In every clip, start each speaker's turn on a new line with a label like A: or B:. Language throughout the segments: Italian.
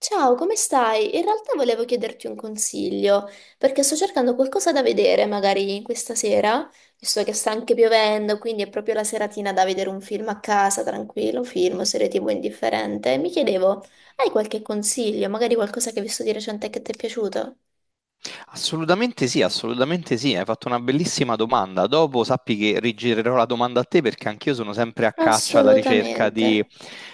A: Ciao, come stai? In realtà volevo chiederti un consiglio, perché sto cercando qualcosa da vedere magari questa sera, visto che sta anche piovendo, quindi è proprio la seratina da vedere un film a casa, tranquillo, film, serie TV indifferente. E mi chiedevo, hai qualche consiglio, magari qualcosa che hai visto di recente che ti è piaciuto?
B: Assolutamente sì, hai fatto una bellissima domanda. Dopo sappi che rigirerò la domanda a te perché anch'io sono sempre a caccia alla ricerca di,
A: Assolutamente.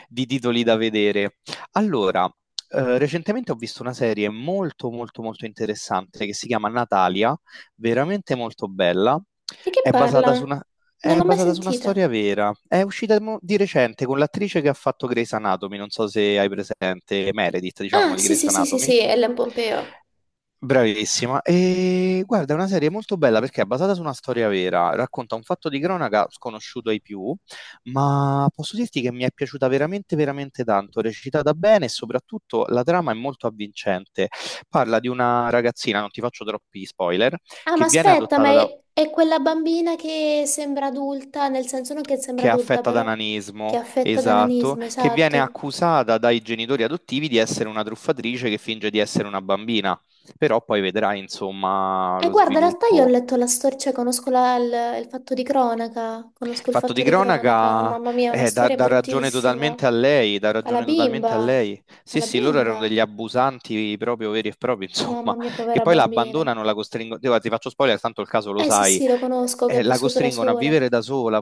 B: di titoli da vedere. Allora, recentemente ho visto una serie molto molto molto interessante che si chiama Natalia, veramente molto bella.
A: Di che
B: È
A: parla?
B: basata su una,
A: Non
B: è
A: l'ho mai
B: basata su una
A: sentita.
B: storia vera. È uscita di recente con l'attrice che ha fatto Grey's Anatomy, non so se hai presente Meredith, diciamo,
A: Ah,
B: di
A: sì,
B: Grey's
A: sì, sì, sì,
B: Anatomy.
A: sì, Ellen Pompeo.
B: Bravissima. E guarda, è una serie molto bella perché è basata su una storia vera, racconta un fatto di cronaca sconosciuto ai più, ma posso dirti che mi è piaciuta veramente, veramente tanto, recitata bene e soprattutto la trama è molto avvincente. Parla di una ragazzina, non ti faccio troppi spoiler,
A: Ah, ma
B: che viene
A: aspetta, ma
B: adottata da...
A: è quella bambina che sembra adulta, nel senso non che sembra
B: che è
A: adulta,
B: affetta da
A: però che è
B: nanismo,
A: affetta da
B: esatto,
A: nanismo,
B: che viene
A: esatto.
B: accusata dai genitori adottivi di essere una truffatrice che finge di essere una bambina, però poi vedrai, insomma,
A: E
B: lo
A: guarda, in realtà io ho
B: sviluppo.
A: letto la storia, cioè conosco il fatto di cronaca, conosco
B: Il
A: il
B: fatto
A: fatto
B: di
A: di cronaca,
B: cronaca
A: mamma mia, è una
B: dà,
A: storia
B: dà ragione
A: bruttissima.
B: totalmente a lei, dà
A: Alla
B: ragione totalmente a
A: bimba,
B: lei. Sì,
A: alla
B: sì, loro erano
A: bimba,
B: degli abusanti proprio veri e propri, insomma,
A: mamma mia,
B: che
A: povera
B: poi la
A: bambina.
B: abbandonano, la costringono, guarda, ti faccio spoiler, tanto il caso lo
A: Eh sì,
B: sai,
A: sì, lo conosco, che ha
B: la
A: vissuto da
B: costringono a
A: sola.
B: vivere da sola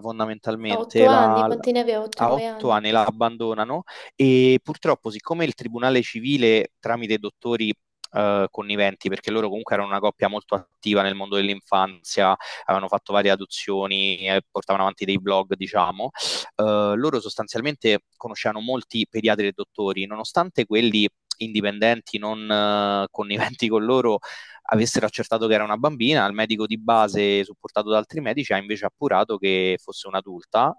A: A otto
B: fondamentalmente,
A: anni, quanti ne aveva? Otto,
B: a
A: nove
B: otto
A: anni.
B: anni la abbandonano e purtroppo siccome il tribunale civile tramite dottori conniventi, perché loro comunque erano una coppia molto attiva nel mondo dell'infanzia, avevano fatto varie adozioni e portavano avanti dei blog, diciamo, loro sostanzialmente conoscevano molti pediatri e dottori, nonostante quelli indipendenti non conniventi con loro avessero accertato che era una bambina, il medico di base supportato da altri medici ha invece appurato che fosse un'adulta,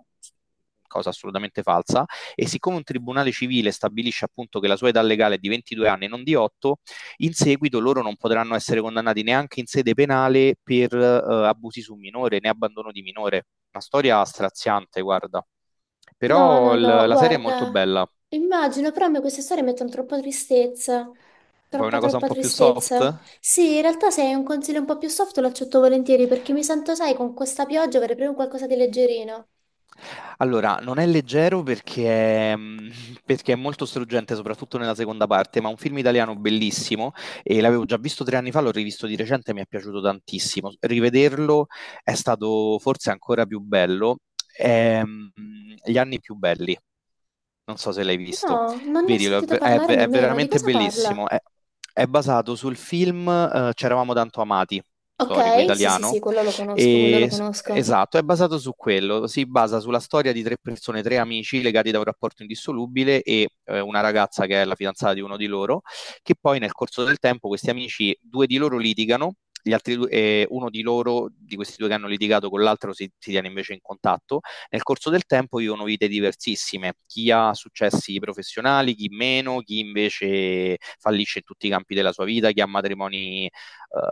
B: cosa assolutamente falsa, e siccome un tribunale civile stabilisce appunto che la sua età legale è di 22 anni e non di 8, in seguito loro non potranno essere condannati neanche in sede penale per abusi su minore né abbandono di minore. Una storia straziante, guarda.
A: No, no,
B: Però
A: no,
B: la serie è molto
A: guarda,
B: bella.
A: immagino, però a me queste storie mettono troppa tristezza,
B: Vuoi
A: troppa,
B: una cosa un
A: troppa
B: po' più
A: tristezza.
B: soft?
A: Sì, in realtà se hai un consiglio un po' più soft lo accetto volentieri perché mi sento, sai, con questa pioggia avrei proprio qualcosa di leggerino.
B: Allora, non è leggero perché perché è molto struggente, soprattutto nella seconda parte, ma è un film italiano bellissimo e l'avevo già visto 3 anni fa, l'ho rivisto di recente e mi è piaciuto tantissimo. Rivederlo è stato forse ancora più bello, è, gli anni più belli. Non so se l'hai visto.
A: No, non ne ho
B: Vedilo,
A: sentito parlare
B: è
A: nemmeno, di
B: veramente
A: cosa parla?
B: bellissimo. È basato sul film C'eravamo tanto amati,
A: Ok,
B: storico
A: sì, sì,
B: italiano.
A: sì, quello lo conosco, quello lo
B: E, s-
A: conosco.
B: esatto, è basato su quello. Si basa sulla storia di tre persone, tre amici legati da un rapporto indissolubile e una ragazza che è la fidanzata di uno di loro, che poi nel corso del tempo questi amici, due di loro litigano. Gli altri due, uno di loro, di questi due che hanno litigato con l'altro, si tiene invece in contatto nel corso del tempo vivono vite diversissime, chi ha successi professionali, chi meno, chi invece fallisce in tutti i campi della sua vita, chi ha matrimoni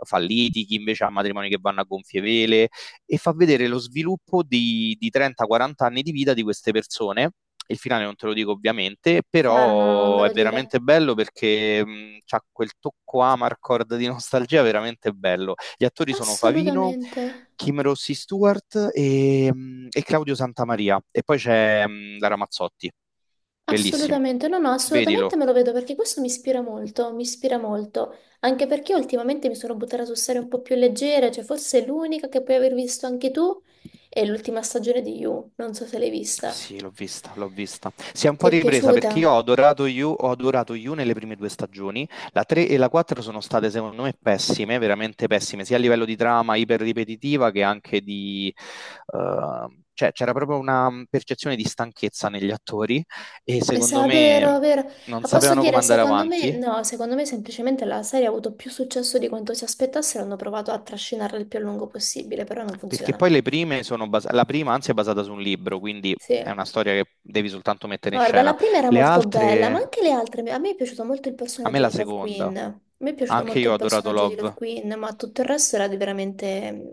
B: falliti, chi invece ha matrimoni che vanno a gonfie vele e fa vedere lo sviluppo di 30-40 anni di vita di queste persone. Il finale non te lo dico ovviamente,
A: Chiaro, no, no, non me
B: però è
A: lo dire.
B: veramente bello perché ha quel tocco Amarcord di nostalgia veramente bello. Gli attori sono Favino,
A: Assolutamente.
B: Kim Rossi Stewart e Claudio Santamaria. E poi c'è Lara Mazzotti. Bellissimo.
A: Assolutamente, no, no, assolutamente
B: Vedilo.
A: me lo vedo perché questo mi ispira molto, anche perché ultimamente mi sono buttata su serie un po' più leggere, cioè forse è l'unica che puoi aver visto anche tu è l'ultima stagione di You, non so se l'hai vista.
B: Sì, l'ho vista, l'ho vista. Si è un
A: Ti
B: po'
A: è
B: ripresa perché
A: piaciuta?
B: io ho adorato You nelle prime due stagioni. La 3 e la 4 sono state, secondo me, pessime, veramente pessime, sia a livello di trama iperripetitiva che anche cioè, c'era proprio una percezione di stanchezza negli attori e secondo
A: Sa, vero,
B: me
A: vero.
B: non
A: Ma posso
B: sapevano come
A: dire,
B: andare
A: secondo me,
B: avanti.
A: no, secondo me semplicemente la serie ha avuto più successo di quanto si aspettassero, hanno provato a trascinarla il più a lungo possibile, però non
B: Perché
A: funziona.
B: poi le prime sono basate, la prima anzi è basata su un libro, quindi è
A: Sì.
B: una storia che devi soltanto mettere in
A: Guarda, la
B: scena.
A: prima era
B: Le
A: molto bella, ma
B: altre,
A: anche le altre. A me è piaciuto molto il
B: a me
A: personaggio
B: la
A: di Love Queen.
B: seconda,
A: A me è piaciuto
B: anche
A: molto
B: io
A: il
B: ho adorato
A: personaggio di Love
B: Love.
A: Queen, ma tutto il resto era di veramente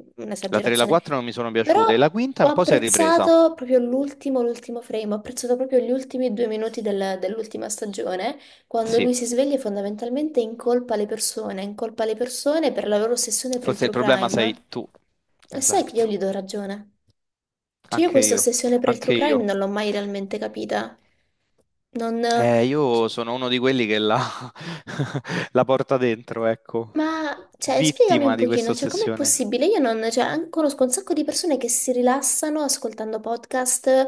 B: La 3 e la
A: un'esagerazione.
B: 4 non mi sono
A: Però
B: piaciute, e la quinta
A: ho
B: un po' si è ripresa.
A: apprezzato proprio l'ultimo frame, ho apprezzato proprio gli ultimi 2 minuti dell'ultima stagione, quando
B: Sì,
A: lui si sveglia e fondamentalmente incolpa le persone per la loro ossessione per il
B: forse il
A: true
B: problema sei
A: crime.
B: tu.
A: E sai che io
B: Esatto,
A: gli do ragione. Cioè io
B: anche
A: questa
B: io,
A: ossessione per il true
B: anche
A: crime
B: io.
A: non l'ho mai realmente capita. Non... c-
B: Io sono uno di quelli che la, la porta dentro, ecco,
A: Ma, cioè, spiegami un
B: vittima di questa
A: pochino, cioè, com'è
B: ossessione.
A: possibile? Io non... Cioè, conosco un sacco di persone che si rilassano ascoltando podcast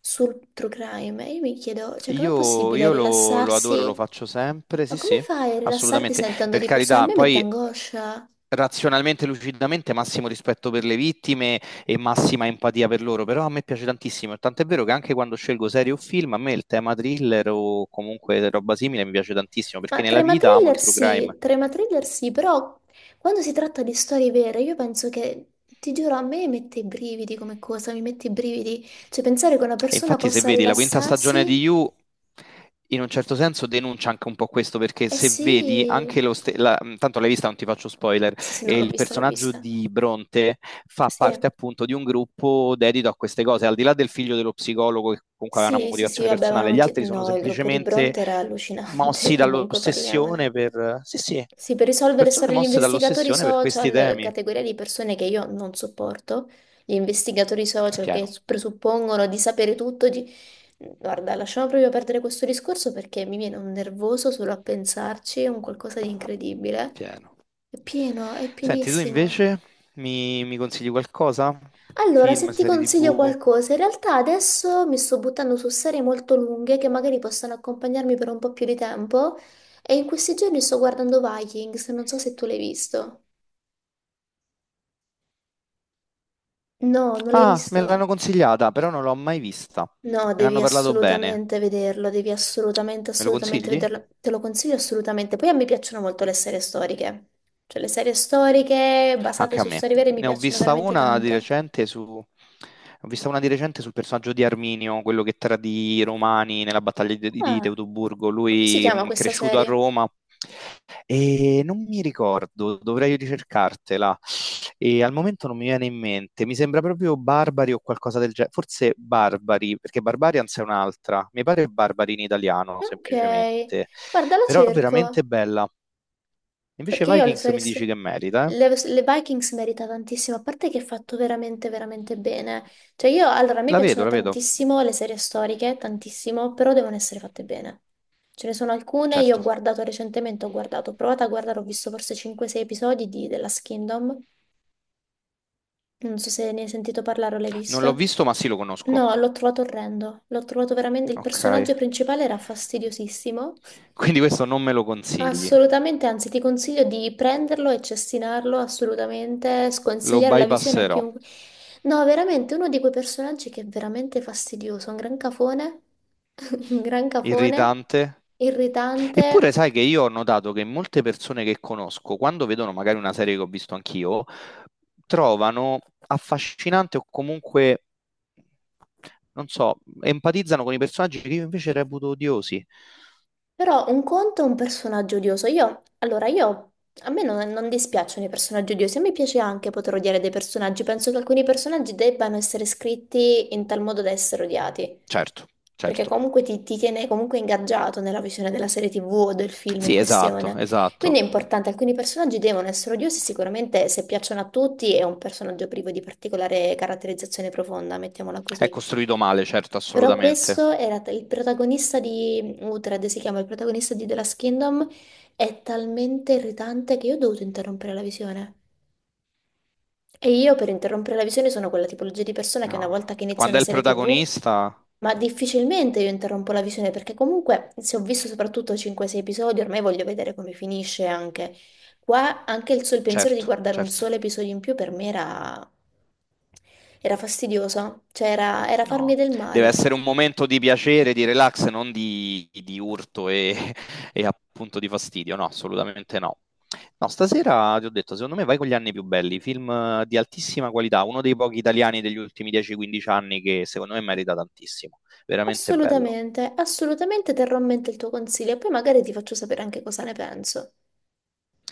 A: sul true crime. E io mi chiedo, cioè, com'è
B: Io,
A: possibile
B: io lo adoro, lo
A: rilassarsi?
B: faccio sempre,
A: Ma
B: sì,
A: come
B: sì,
A: fai a rilassarti
B: assolutamente.
A: sentendo
B: Per
A: di persone? A
B: carità,
A: me mette
B: poi
A: angoscia.
B: razionalmente, lucidamente, massimo rispetto per le vittime e massima empatia per loro, però a me piace tantissimo, tant'è vero che anche quando scelgo serie o film, a me il tema thriller o comunque roba simile mi piace tantissimo, perché
A: Ma
B: nella vita amo il true crime.
A: trema thriller sì, però quando si tratta di storie vere, io penso che, ti giuro, a me mette i brividi come cosa, mi mette i brividi. Cioè, pensare che una
B: E
A: persona
B: infatti, se
A: possa
B: vedi la quinta stagione di
A: rilassarsi,
B: You, in un certo senso denuncia anche un po' questo, perché
A: eh
B: se vedi anche
A: sì,
B: lo stesso, tanto l'hai vista, non ti faccio spoiler,
A: sì, sì, no,
B: e
A: l'ho
B: il
A: vista, l'ho
B: personaggio
A: vista.
B: di Bronte fa
A: Sì,
B: parte appunto di un gruppo dedito a queste cose, al di là del figlio dello psicologo che comunque aveva una
A: sì, sì, sì,
B: motivazione
A: vabbè, ma
B: personale, gli altri sono
A: no, il gruppo di
B: semplicemente
A: Bronte era allucinante,
B: mossi
A: comunque
B: dall'ossessione
A: parliamone.
B: per... Sì, sì,
A: Sì, per risolvere
B: persone
A: storie gli
B: mosse
A: investigatori
B: dall'ossessione per questi
A: social,
B: temi.
A: categoria di persone che io non sopporto, gli investigatori
B: È
A: social che
B: pieno.
A: presuppongono di sapere tutto. Guarda, lasciamo proprio perdere questo discorso perché mi viene un nervoso solo a pensarci, è un qualcosa di
B: È
A: incredibile.
B: pieno.
A: È pieno, è
B: Senti, tu
A: pienissimo.
B: invece mi consigli qualcosa?
A: Allora,
B: Film,
A: se ti
B: serie
A: consiglio
B: TV?
A: qualcosa, in realtà adesso mi sto buttando su serie molto lunghe che magari possono accompagnarmi per un po' più di tempo e in questi giorni sto guardando Vikings, non so se tu l'hai visto. No, non l'hai
B: Ah, me l'hanno
A: visto?
B: consigliata, però non l'ho mai vista.
A: No,
B: Me
A: devi
B: l'hanno parlato bene.
A: assolutamente vederlo, devi assolutamente,
B: Me lo
A: assolutamente
B: consigli?
A: vederlo. Te lo consiglio assolutamente. Poi a me piacciono molto le serie storiche. Cioè, le serie storiche basate
B: Anche a
A: su
B: me.
A: storie vere mi
B: Ne ho
A: piacciono
B: vista
A: veramente
B: una di
A: tanto.
B: recente su... Ho vista una di recente sul personaggio di Arminio, quello che tradì i Romani nella battaglia di
A: Ah,
B: Teutoburgo.
A: come si
B: Lui
A: chiama questa
B: cresciuto a
A: serie?
B: Roma e non mi ricordo, dovrei ricercartela. E al momento non mi viene in mente. Mi sembra proprio Barbari o qualcosa del genere. Forse Barbari, perché Barbarians è un'altra. Mi pare Barbari in italiano,
A: Ok.
B: semplicemente.
A: Guarda, la
B: Però veramente
A: cerco.
B: bella. Invece
A: Perché io le
B: Vikings
A: serie...
B: mi dici
A: s-
B: che merita, eh?
A: Le Vikings merita tantissimo, a parte che è fatto veramente, veramente bene. Cioè io, allora, a me
B: La vedo,
A: piacciono
B: la vedo.
A: tantissimo le serie storiche, tantissimo, però devono essere fatte bene. Ce ne sono alcune, io
B: Certo,
A: ho guardato recentemente, ho provato a guardare, ho visto forse 5-6 episodi di The Last Kingdom, non so se ne hai sentito parlare o l'hai
B: non l'ho
A: visto.
B: visto, ma sì, lo conosco.
A: No, l'ho trovato orrendo, l'ho trovato veramente, il
B: Ok.
A: personaggio principale era fastidiosissimo.
B: Quindi questo non me lo consigli,
A: Assolutamente, anzi ti consiglio di prenderlo e cestinarlo, assolutamente,
B: lo
A: sconsigliare la visione a
B: bypasserò.
A: chiunque. No, veramente, uno di quei personaggi che è veramente fastidioso, un gran cafone, un gran cafone,
B: Irritante. Eppure
A: irritante.
B: sai che io ho notato che molte persone che conosco, quando vedono magari una serie che ho visto anch'io, trovano affascinante o comunque, non so, empatizzano con i personaggi che io invece reputo odiosi.
A: Però un conto è un personaggio odioso. Io, allora, io, a me non dispiacciono i personaggi odiosi, a me piace anche poter odiare dei personaggi. Penso che alcuni personaggi debbano essere scritti in tal modo da essere odiati.
B: Certo,
A: Perché
B: certo.
A: comunque ti tiene comunque ingaggiato nella visione della serie TV o del film in
B: Sì, esatto,
A: questione. Quindi
B: esatto.
A: è importante, alcuni personaggi devono essere odiosi, sicuramente se piacciono a tutti è un personaggio privo di particolare caratterizzazione profonda, mettiamola
B: È
A: così.
B: costruito male, certo,
A: Però
B: assolutamente.
A: questo il protagonista di Uhtred, si chiama il protagonista di The Last Kingdom, è talmente irritante che io ho dovuto interrompere la visione. E io per interrompere la visione sono quella tipologia di persona che una
B: No,
A: volta che inizia
B: quando
A: una
B: è il
A: serie TV,
B: protagonista,
A: ma difficilmente io interrompo la visione perché comunque se ho visto soprattutto 5-6 episodi, ormai voglio vedere come finisce anche. Qua anche il pensiero di
B: certo,
A: guardare un
B: certo,
A: solo episodio in più per me era fastidioso, cioè era farmi
B: no.
A: del
B: Deve
A: male.
B: essere un momento di piacere, di relax, non di urto e, e appunto di fastidio. No, assolutamente no. No, stasera ti ho detto, secondo me vai con gli anni più belli, film di altissima qualità, uno dei pochi italiani degli ultimi 10-15 anni che secondo me merita tantissimo, veramente bello.
A: Assolutamente, assolutamente terrò a mente il tuo consiglio e poi magari ti faccio sapere anche cosa ne penso.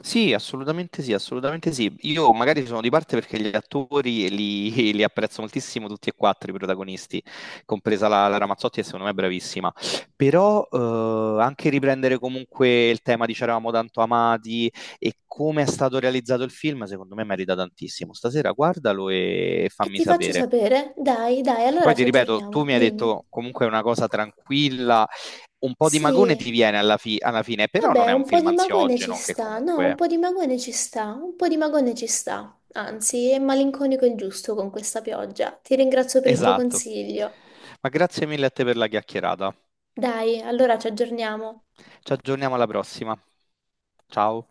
B: Sì, assolutamente sì, assolutamente sì. Io magari sono di parte perché gli attori li, li apprezzo moltissimo tutti e quattro i protagonisti, compresa la Ramazzotti, che secondo me è bravissima. Però anche riprendere comunque il tema di C'eravamo tanto amati e come è stato realizzato il film, secondo me merita tantissimo. Stasera guardalo e
A: E
B: fammi
A: ti faccio
B: sapere.
A: sapere, dai, dai, allora
B: Poi
A: ci
B: ti ripeto, tu
A: aggiorniamo,
B: mi hai
A: dimmi.
B: detto comunque è una cosa tranquilla, un po' di magone
A: Sì,
B: ti viene alla fine, però
A: vabbè,
B: non è
A: un
B: un
A: po'
B: film
A: di magone ci
B: ansiogeno che
A: sta, no, un
B: comunque...
A: po' di magone ci sta, un po' di magone ci sta. Anzi, è malinconico il giusto con questa pioggia. Ti ringrazio per il tuo
B: Esatto.
A: consiglio.
B: Ma grazie mille a te per la chiacchierata.
A: Dai, allora ci aggiorniamo.
B: Ci aggiorniamo alla prossima. Ciao.